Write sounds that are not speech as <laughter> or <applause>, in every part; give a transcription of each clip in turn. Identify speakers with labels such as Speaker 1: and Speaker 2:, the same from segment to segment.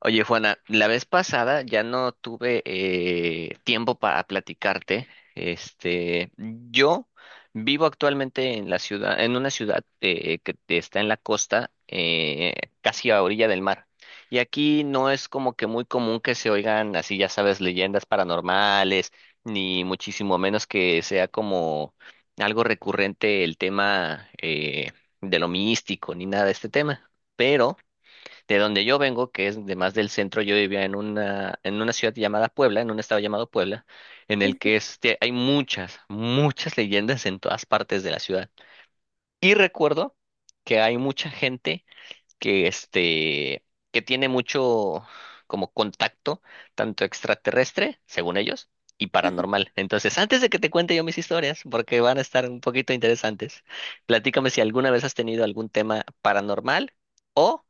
Speaker 1: Oye, Juana, la vez pasada ya no tuve tiempo para platicarte. Yo vivo actualmente en la ciudad, en una ciudad que está en la costa, casi a orilla del mar. Y aquí no es como que muy común que se oigan, así, ya sabes, leyendas paranormales, ni muchísimo menos que sea como algo recurrente el tema de lo místico, ni nada de este tema. Pero de donde yo vengo, que es de más del centro, yo vivía en una ciudad llamada Puebla, en un estado llamado Puebla, en el que hay muchas, muchas leyendas en todas partes de la ciudad. Y recuerdo que hay mucha gente que que tiene mucho como contacto, tanto extraterrestre, según ellos, y paranormal. Entonces, antes de que te cuente yo mis historias, porque van a estar un poquito interesantes, platícame si alguna vez has tenido algún tema paranormal o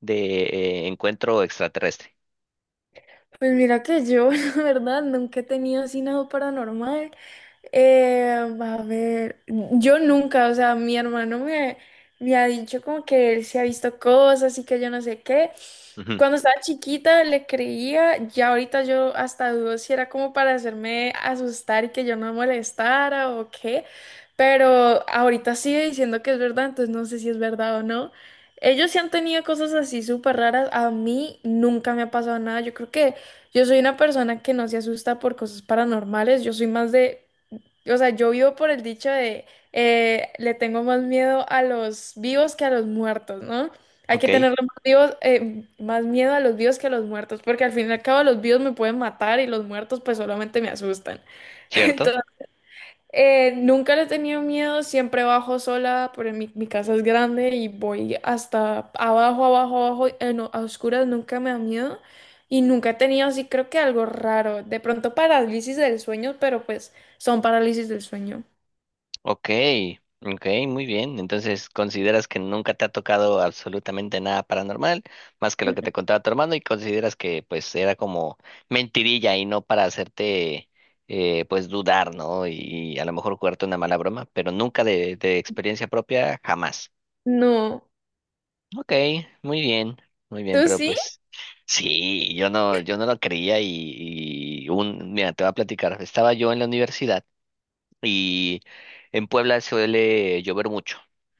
Speaker 1: de encuentro extraterrestre.
Speaker 2: Pues mira que yo, <laughs> la verdad, nunca he tenido así nada paranormal. Eh, a ver, yo nunca, o sea, mi hermano me ha dicho como que él se ha visto cosas y que yo no sé qué.
Speaker 1: Ujú.
Speaker 2: Cuando estaba chiquita le creía, ya ahorita yo hasta dudo si era como para hacerme asustar y que yo no molestara o qué, pero ahorita sigue diciendo que es verdad, entonces no sé si es verdad o no. Ellos sí han tenido cosas así súper raras, a mí nunca me ha pasado nada, yo creo que... Yo soy una persona que no se asusta por cosas paranormales, yo soy más de, o sea, yo vivo por el dicho de, le tengo más miedo a los vivos que a los muertos, ¿no? Hay
Speaker 1: Ok,
Speaker 2: que tenerle más vivos, más miedo a los vivos que a los muertos, porque al fin y al cabo los vivos me pueden matar y los muertos pues solamente me asustan. <laughs>
Speaker 1: cierto.
Speaker 2: Entonces nunca le he tenido miedo, siempre bajo sola, pero mi casa es grande y voy hasta abajo, abajo, abajo, a oscuras, nunca me da miedo y nunca he tenido así, creo que algo raro, de pronto parálisis del sueño, pero pues son parálisis del sueño.
Speaker 1: Ok, ok, muy bien. Entonces, ¿consideras que nunca te ha tocado absolutamente nada paranormal, más que lo que
Speaker 2: Mm.
Speaker 1: te contaba tu hermano, y consideras que pues era como mentirilla y no para hacerte pues dudar, ¿no? Y, a lo mejor, jugarte una mala broma, pero nunca de, de experiencia propia, jamás.
Speaker 2: No.
Speaker 1: Ok, muy bien, muy bien,
Speaker 2: ¿Tú
Speaker 1: pero
Speaker 2: sí?
Speaker 1: pues sí, yo no lo creía y un, mira, te voy a platicar. Estaba yo en la universidad y en Puebla suele llover mucho.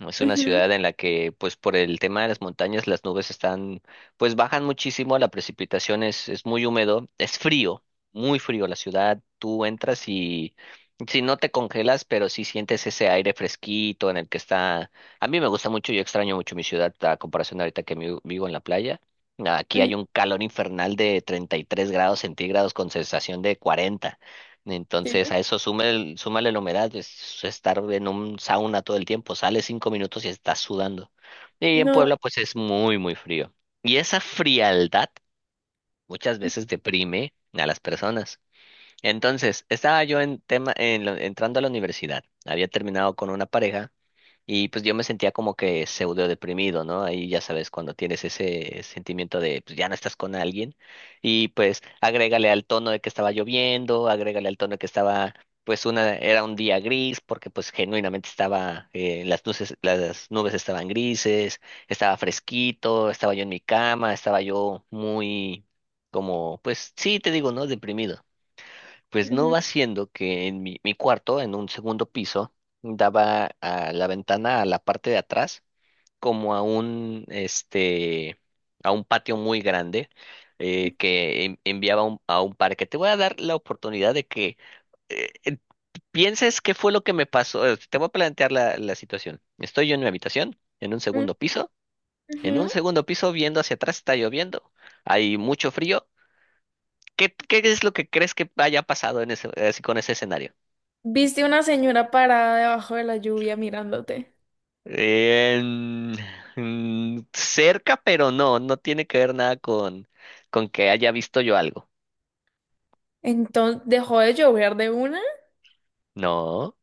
Speaker 1: Es una
Speaker 2: Ujú,
Speaker 1: ciudad en la que, pues por el tema de las montañas, las nubes están, pues bajan muchísimo, la precipitación es muy húmedo, es frío, muy frío la ciudad. Tú entras y si no te congelas, pero sí sientes ese aire fresquito en el que está. A mí me gusta mucho, yo extraño mucho mi ciudad a comparación de ahorita que mi- vivo en la playa. Aquí
Speaker 2: ujú.
Speaker 1: hay un calor infernal de 33 grados centígrados con sensación de 40.
Speaker 2: Sí,
Speaker 1: Entonces a eso súmale, súmale la humedad, es estar en un sauna todo el tiempo, sales 5 minutos y estás sudando. Y en
Speaker 2: no.
Speaker 1: Puebla pues es muy, muy frío. Y esa frialdad muchas veces deprime a las personas. Entonces, estaba yo en tema, en la- entrando a la universidad, había terminado con una pareja y pues yo me sentía como que pseudo deprimido, ¿no? Ahí ya sabes, cuando tienes ese sentimiento de pues ya no estás con alguien. Y pues agrégale al tono de que estaba lloviendo, agrégale al tono de que estaba, pues una, era un día gris, porque pues genuinamente estaba, las luces, las nubes estaban grises, estaba fresquito, estaba yo en mi cama, estaba yo muy como, pues sí, te digo, ¿no? Deprimido. Pues no
Speaker 2: Ujú,
Speaker 1: va siendo que en mi cuarto, en un segundo piso, daba a la ventana a la parte de atrás, como a un, a un patio muy grande que en- enviaba un- a un parque. Te voy a dar la oportunidad de que eh, eh, pienses qué fue lo que me pasó. Te voy a plantear la, la situación. Estoy yo en mi habitación, en un
Speaker 2: ujú,
Speaker 1: segundo piso. En
Speaker 2: ujú.
Speaker 1: un segundo piso, viendo hacia atrás, está lloviendo. Hay mucho frío. ¿Qué, qué es lo que crees que haya pasado en ese, así con ese escenario?
Speaker 2: ¿Viste una señora parada debajo de la lluvia mirándote,
Speaker 1: Eh, cerca, pero no, no tiene que ver nada con, con que haya visto yo algo.
Speaker 2: entonces dejó de llover de una?
Speaker 1: No,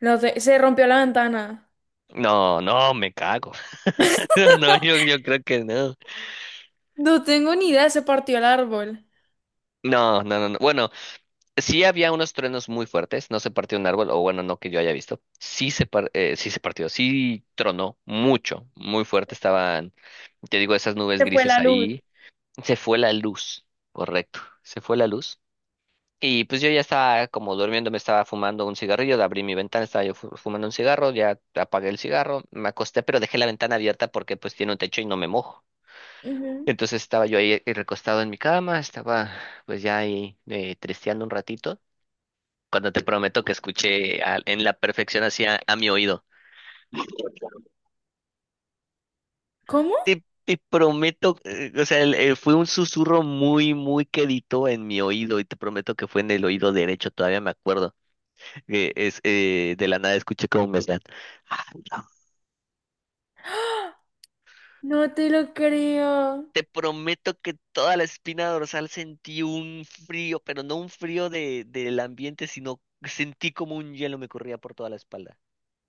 Speaker 2: No sé, ¿se rompió la ventana?
Speaker 1: no, no, me cago. <laughs> No, no, yo creo que no.
Speaker 2: No tengo ni idea, ¿se partió el árbol?
Speaker 1: No, no, no, no. Bueno, sí había unos truenos muy fuertes, no se partió un árbol, o bueno, no que yo haya visto. Sí se, par- sí se partió, sí tronó mucho, muy fuerte estaban, te digo, esas nubes
Speaker 2: Se fue
Speaker 1: grises
Speaker 2: la luz.
Speaker 1: ahí. Se fue la luz, correcto, se fue la luz. Y pues yo ya estaba como durmiendo, me estaba fumando un cigarrillo, abrí mi ventana, estaba yo fu- fumando un cigarro, ya apagué el cigarro, me acosté, pero dejé la ventana abierta porque pues tiene un techo y no me mojo.
Speaker 2: Ujú.
Speaker 1: Entonces estaba yo ahí recostado en mi cama, estaba pues ya ahí tristeando un ratito, cuando te prometo que escuché a- en la perfección hacia a mi oído.
Speaker 2: ¿Cómo?
Speaker 1: Te prometo, o sea, el- fue un susurro muy, muy quedito en mi oído y te prometo que fue en el oído derecho, todavía me acuerdo. Que es de la nada escuché cómo me están. "Ah, no".
Speaker 2: No te lo creo.
Speaker 1: Te prometo que toda la espina dorsal sentí un frío, pero no un frío de, del ambiente, sino sentí como un hielo me corría por toda la espalda.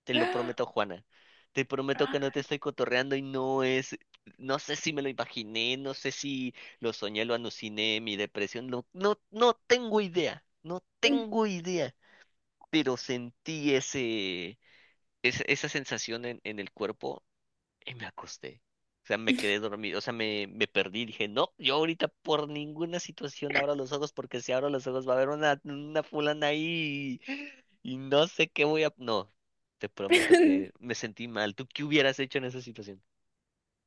Speaker 1: Te
Speaker 2: <gasps>
Speaker 1: lo
Speaker 2: ¡Ah!
Speaker 1: prometo, Juana. Te prometo que no te estoy cotorreando y no es, no sé si me lo imaginé, no sé si lo soñé, lo aluciné, mi depresión, no, no, no tengo idea, no tengo idea, pero sentí ese, esa sensación en el cuerpo. Y me acosté. O sea, me quedé dormido. O sea, me perdí. Dije, no, yo ahorita por ninguna situación abro los ojos porque si abro los ojos va a haber una fulana ahí y no sé qué voy a... No, te prometo que
Speaker 2: <laughs>
Speaker 1: me sentí mal. ¿Tú qué hubieras hecho en esa situación?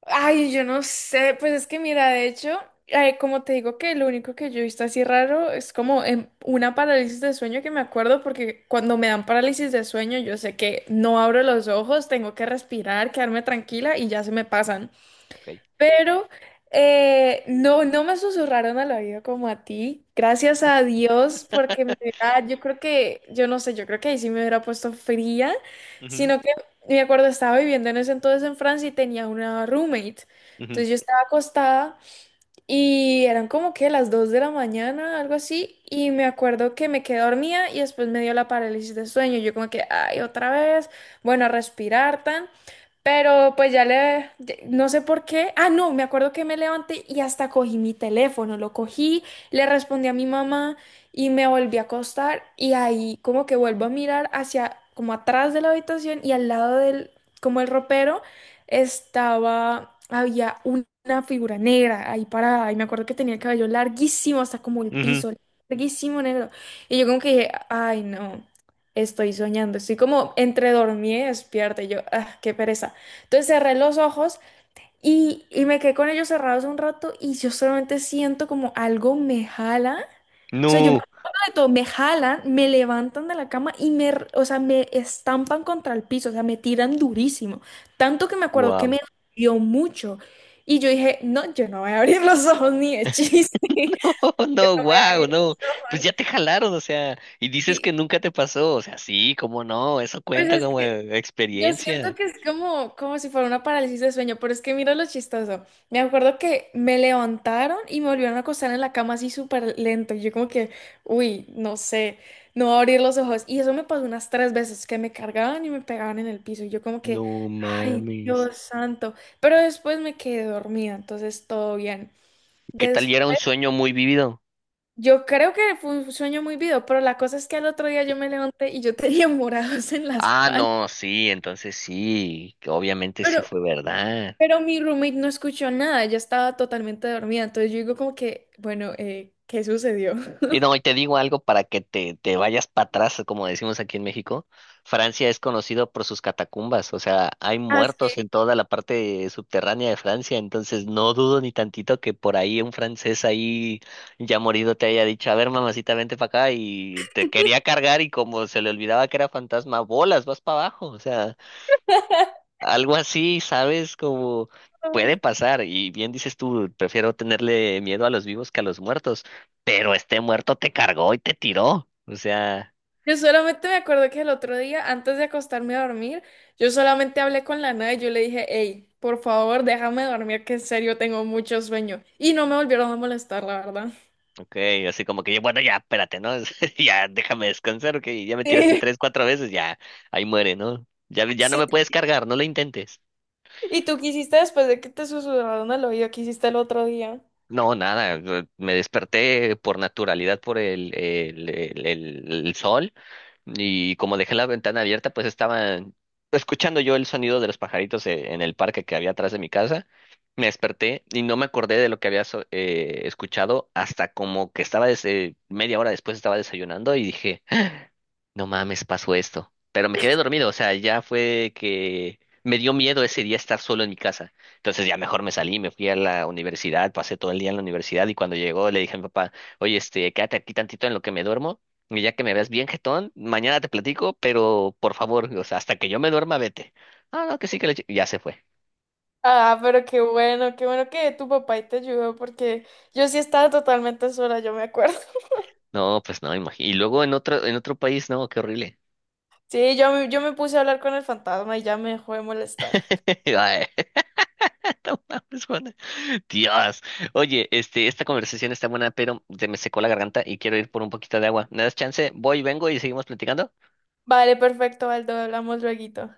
Speaker 2: Ay, yo no sé, pues es que mira, de hecho, ay, como te digo que lo único que yo he visto así raro es como en una parálisis de sueño que me acuerdo porque cuando me dan parálisis de sueño yo sé que no abro los ojos, tengo que respirar, quedarme tranquila y ya se me pasan.
Speaker 1: Ok.
Speaker 2: Pero no, no me susurraron al oído como a ti. Gracias a Dios, porque me
Speaker 1: <laughs>
Speaker 2: hubiera- yo creo que, yo no sé, yo creo que ahí sí me hubiera puesto fría,
Speaker 1: Ujú,
Speaker 2: sino que me acuerdo, estaba viviendo en ese entonces en Francia y tenía una roommate.
Speaker 1: ujú,
Speaker 2: Entonces yo estaba acostada y eran como que las 2 de la mañana, algo así, y me acuerdo que me quedé dormida y después me dio la parálisis de sueño. Yo como que, ay, otra vez, bueno, a respirar tan, pero pues ya le, ya- no sé por qué. Ah, no, me acuerdo que me levanté y hasta cogí mi teléfono, lo cogí, le respondí a mi mamá y me volví a acostar y ahí como que vuelvo a mirar hacia, como atrás de la habitación y al lado del, como el ropero estaba, había un- una figura negra ahí parada y me acuerdo que tenía el cabello larguísimo hasta como el
Speaker 1: ujú.
Speaker 2: piso, larguísimo negro. Y yo como que dije, ay no, estoy soñando, estoy como entre dormida y despierta y yo, ah, qué pereza. Entonces cerré los ojos y me quedé con ellos cerrados un rato y yo solamente siento como algo me jala. O sea, yo me
Speaker 1: No.
Speaker 2: acuerdo de todo, me jalan, me levantan de la cama y o sea, me estampan contra el piso, o sea, me tiran durísimo. Tanto que me acuerdo que
Speaker 1: Wow.
Speaker 2: me dolió mucho. Y yo dije, no, yo no voy a abrir los ojos ni de chiste. <laughs>
Speaker 1: <laughs>
Speaker 2: Yo
Speaker 1: No,
Speaker 2: no voy a
Speaker 1: wow,
Speaker 2: abrir los
Speaker 1: no. Pues
Speaker 2: ojos.
Speaker 1: ya te jalaron, o sea, y dices que
Speaker 2: Sí,
Speaker 1: nunca te pasó. O sea, sí, cómo no, eso
Speaker 2: pues
Speaker 1: cuenta
Speaker 2: es
Speaker 1: como
Speaker 2: que yo siento
Speaker 1: experiencia.
Speaker 2: que es como, como si fuera una parálisis de sueño, pero es que mira lo chistoso. Me acuerdo que me levantaron y me volvieron a acostar en la cama así súper lento. Y yo como que, uy, no sé, no voy a abrir los ojos. Y eso me pasó unas tres veces, que me cargaban y me pegaban en el piso. Y yo como que,
Speaker 1: No
Speaker 2: ay,
Speaker 1: mames.
Speaker 2: Dios santo. Pero después me quedé dormida, entonces todo bien.
Speaker 1: ¿Qué tal?
Speaker 2: Des-
Speaker 1: Y era un sueño muy vivido.
Speaker 2: yo creo que fue un sueño muy vivo, pero la cosa es que al otro día yo me levanté y yo <laughs> tenía morados en la
Speaker 1: Ah,
Speaker 2: espalda.
Speaker 1: no, sí, entonces sí, que obviamente sí fue verdad.
Speaker 2: Pero mi roommate no escuchó nada, ella estaba totalmente dormida, entonces yo digo como que, bueno, ¿qué sucedió?
Speaker 1: Y no,
Speaker 2: <laughs>
Speaker 1: y te digo algo para que te vayas para atrás, como decimos aquí en México. Francia es conocido por sus catacumbas, o sea, hay
Speaker 2: Así.
Speaker 1: muertos en toda la parte subterránea de Francia, entonces no dudo ni tantito que por ahí un francés ahí ya morido te haya dicho, a ver, mamacita, vente para acá y te quería cargar y como se le olvidaba que era fantasma, bolas, vas para abajo, o sea. Algo así, ¿sabes? Como
Speaker 2: como-
Speaker 1: puede pasar. Y bien dices tú, prefiero tenerle miedo a los vivos que a los muertos. Pero este muerto te cargó y te tiró. O sea,
Speaker 2: Yo solamente me acuerdo que el otro día, antes de acostarme a dormir, yo solamente hablé con la nada y yo le dije, hey, por favor, déjame dormir, que en serio tengo mucho sueño. Y no me volvieron a molestar, la verdad.
Speaker 1: ok, así como que yo, bueno, ya, espérate, ¿no? <laughs> Ya déjame descansar, que ya me tiraste tres,
Speaker 2: <laughs>
Speaker 1: cuatro veces, ya, ahí muere, ¿no? Ya, ya no
Speaker 2: Sí,
Speaker 1: me
Speaker 2: sí.
Speaker 1: puedes cargar, no lo intentes.
Speaker 2: ¿Y tú qué hiciste después de que te susurraron al oído? ¿Qué hiciste el otro día?
Speaker 1: No, nada, me desperté por naturalidad por el sol. Y como dejé la ventana abierta, pues estaba escuchando yo el sonido de los pajaritos en el parque que había atrás de mi casa. Me desperté y no me acordé de lo que había so- escuchado hasta como que estaba des- 1/2 hora después estaba desayunando y dije, no mames, pasó esto. Pero me quedé dormido, o sea, ya fue que me dio miedo ese día estar solo en mi casa. Entonces ya mejor me salí, me fui a la universidad, pasé todo el día en la universidad y cuando llegó le dije a mi papá, oye, quédate aquí tantito en lo que me duermo y ya que me veas bien jetón, mañana te platico, pero por favor, o sea, hasta que yo me duerma, vete. Ah, no, que sí, que le... Ya se fue.
Speaker 2: Ah, pero qué bueno que tu papá y te ayudó, porque yo sí estaba totalmente sola, yo me acuerdo.
Speaker 1: No, pues no, imagínate. Y luego en otro país, no, qué horrible.
Speaker 2: Sí, yo, yo me puse a hablar con el fantasma y ya me dejó de molestar.
Speaker 1: <laughs> Ay, <laughs> no mames, Juan. Dios. Oye, esta conversación está buena, pero se me secó la garganta y quiero ir por un poquito de agua. ¿Me das chance? Voy, vengo y seguimos platicando.
Speaker 2: Vale, perfecto, Aldo, hablamos lueguito.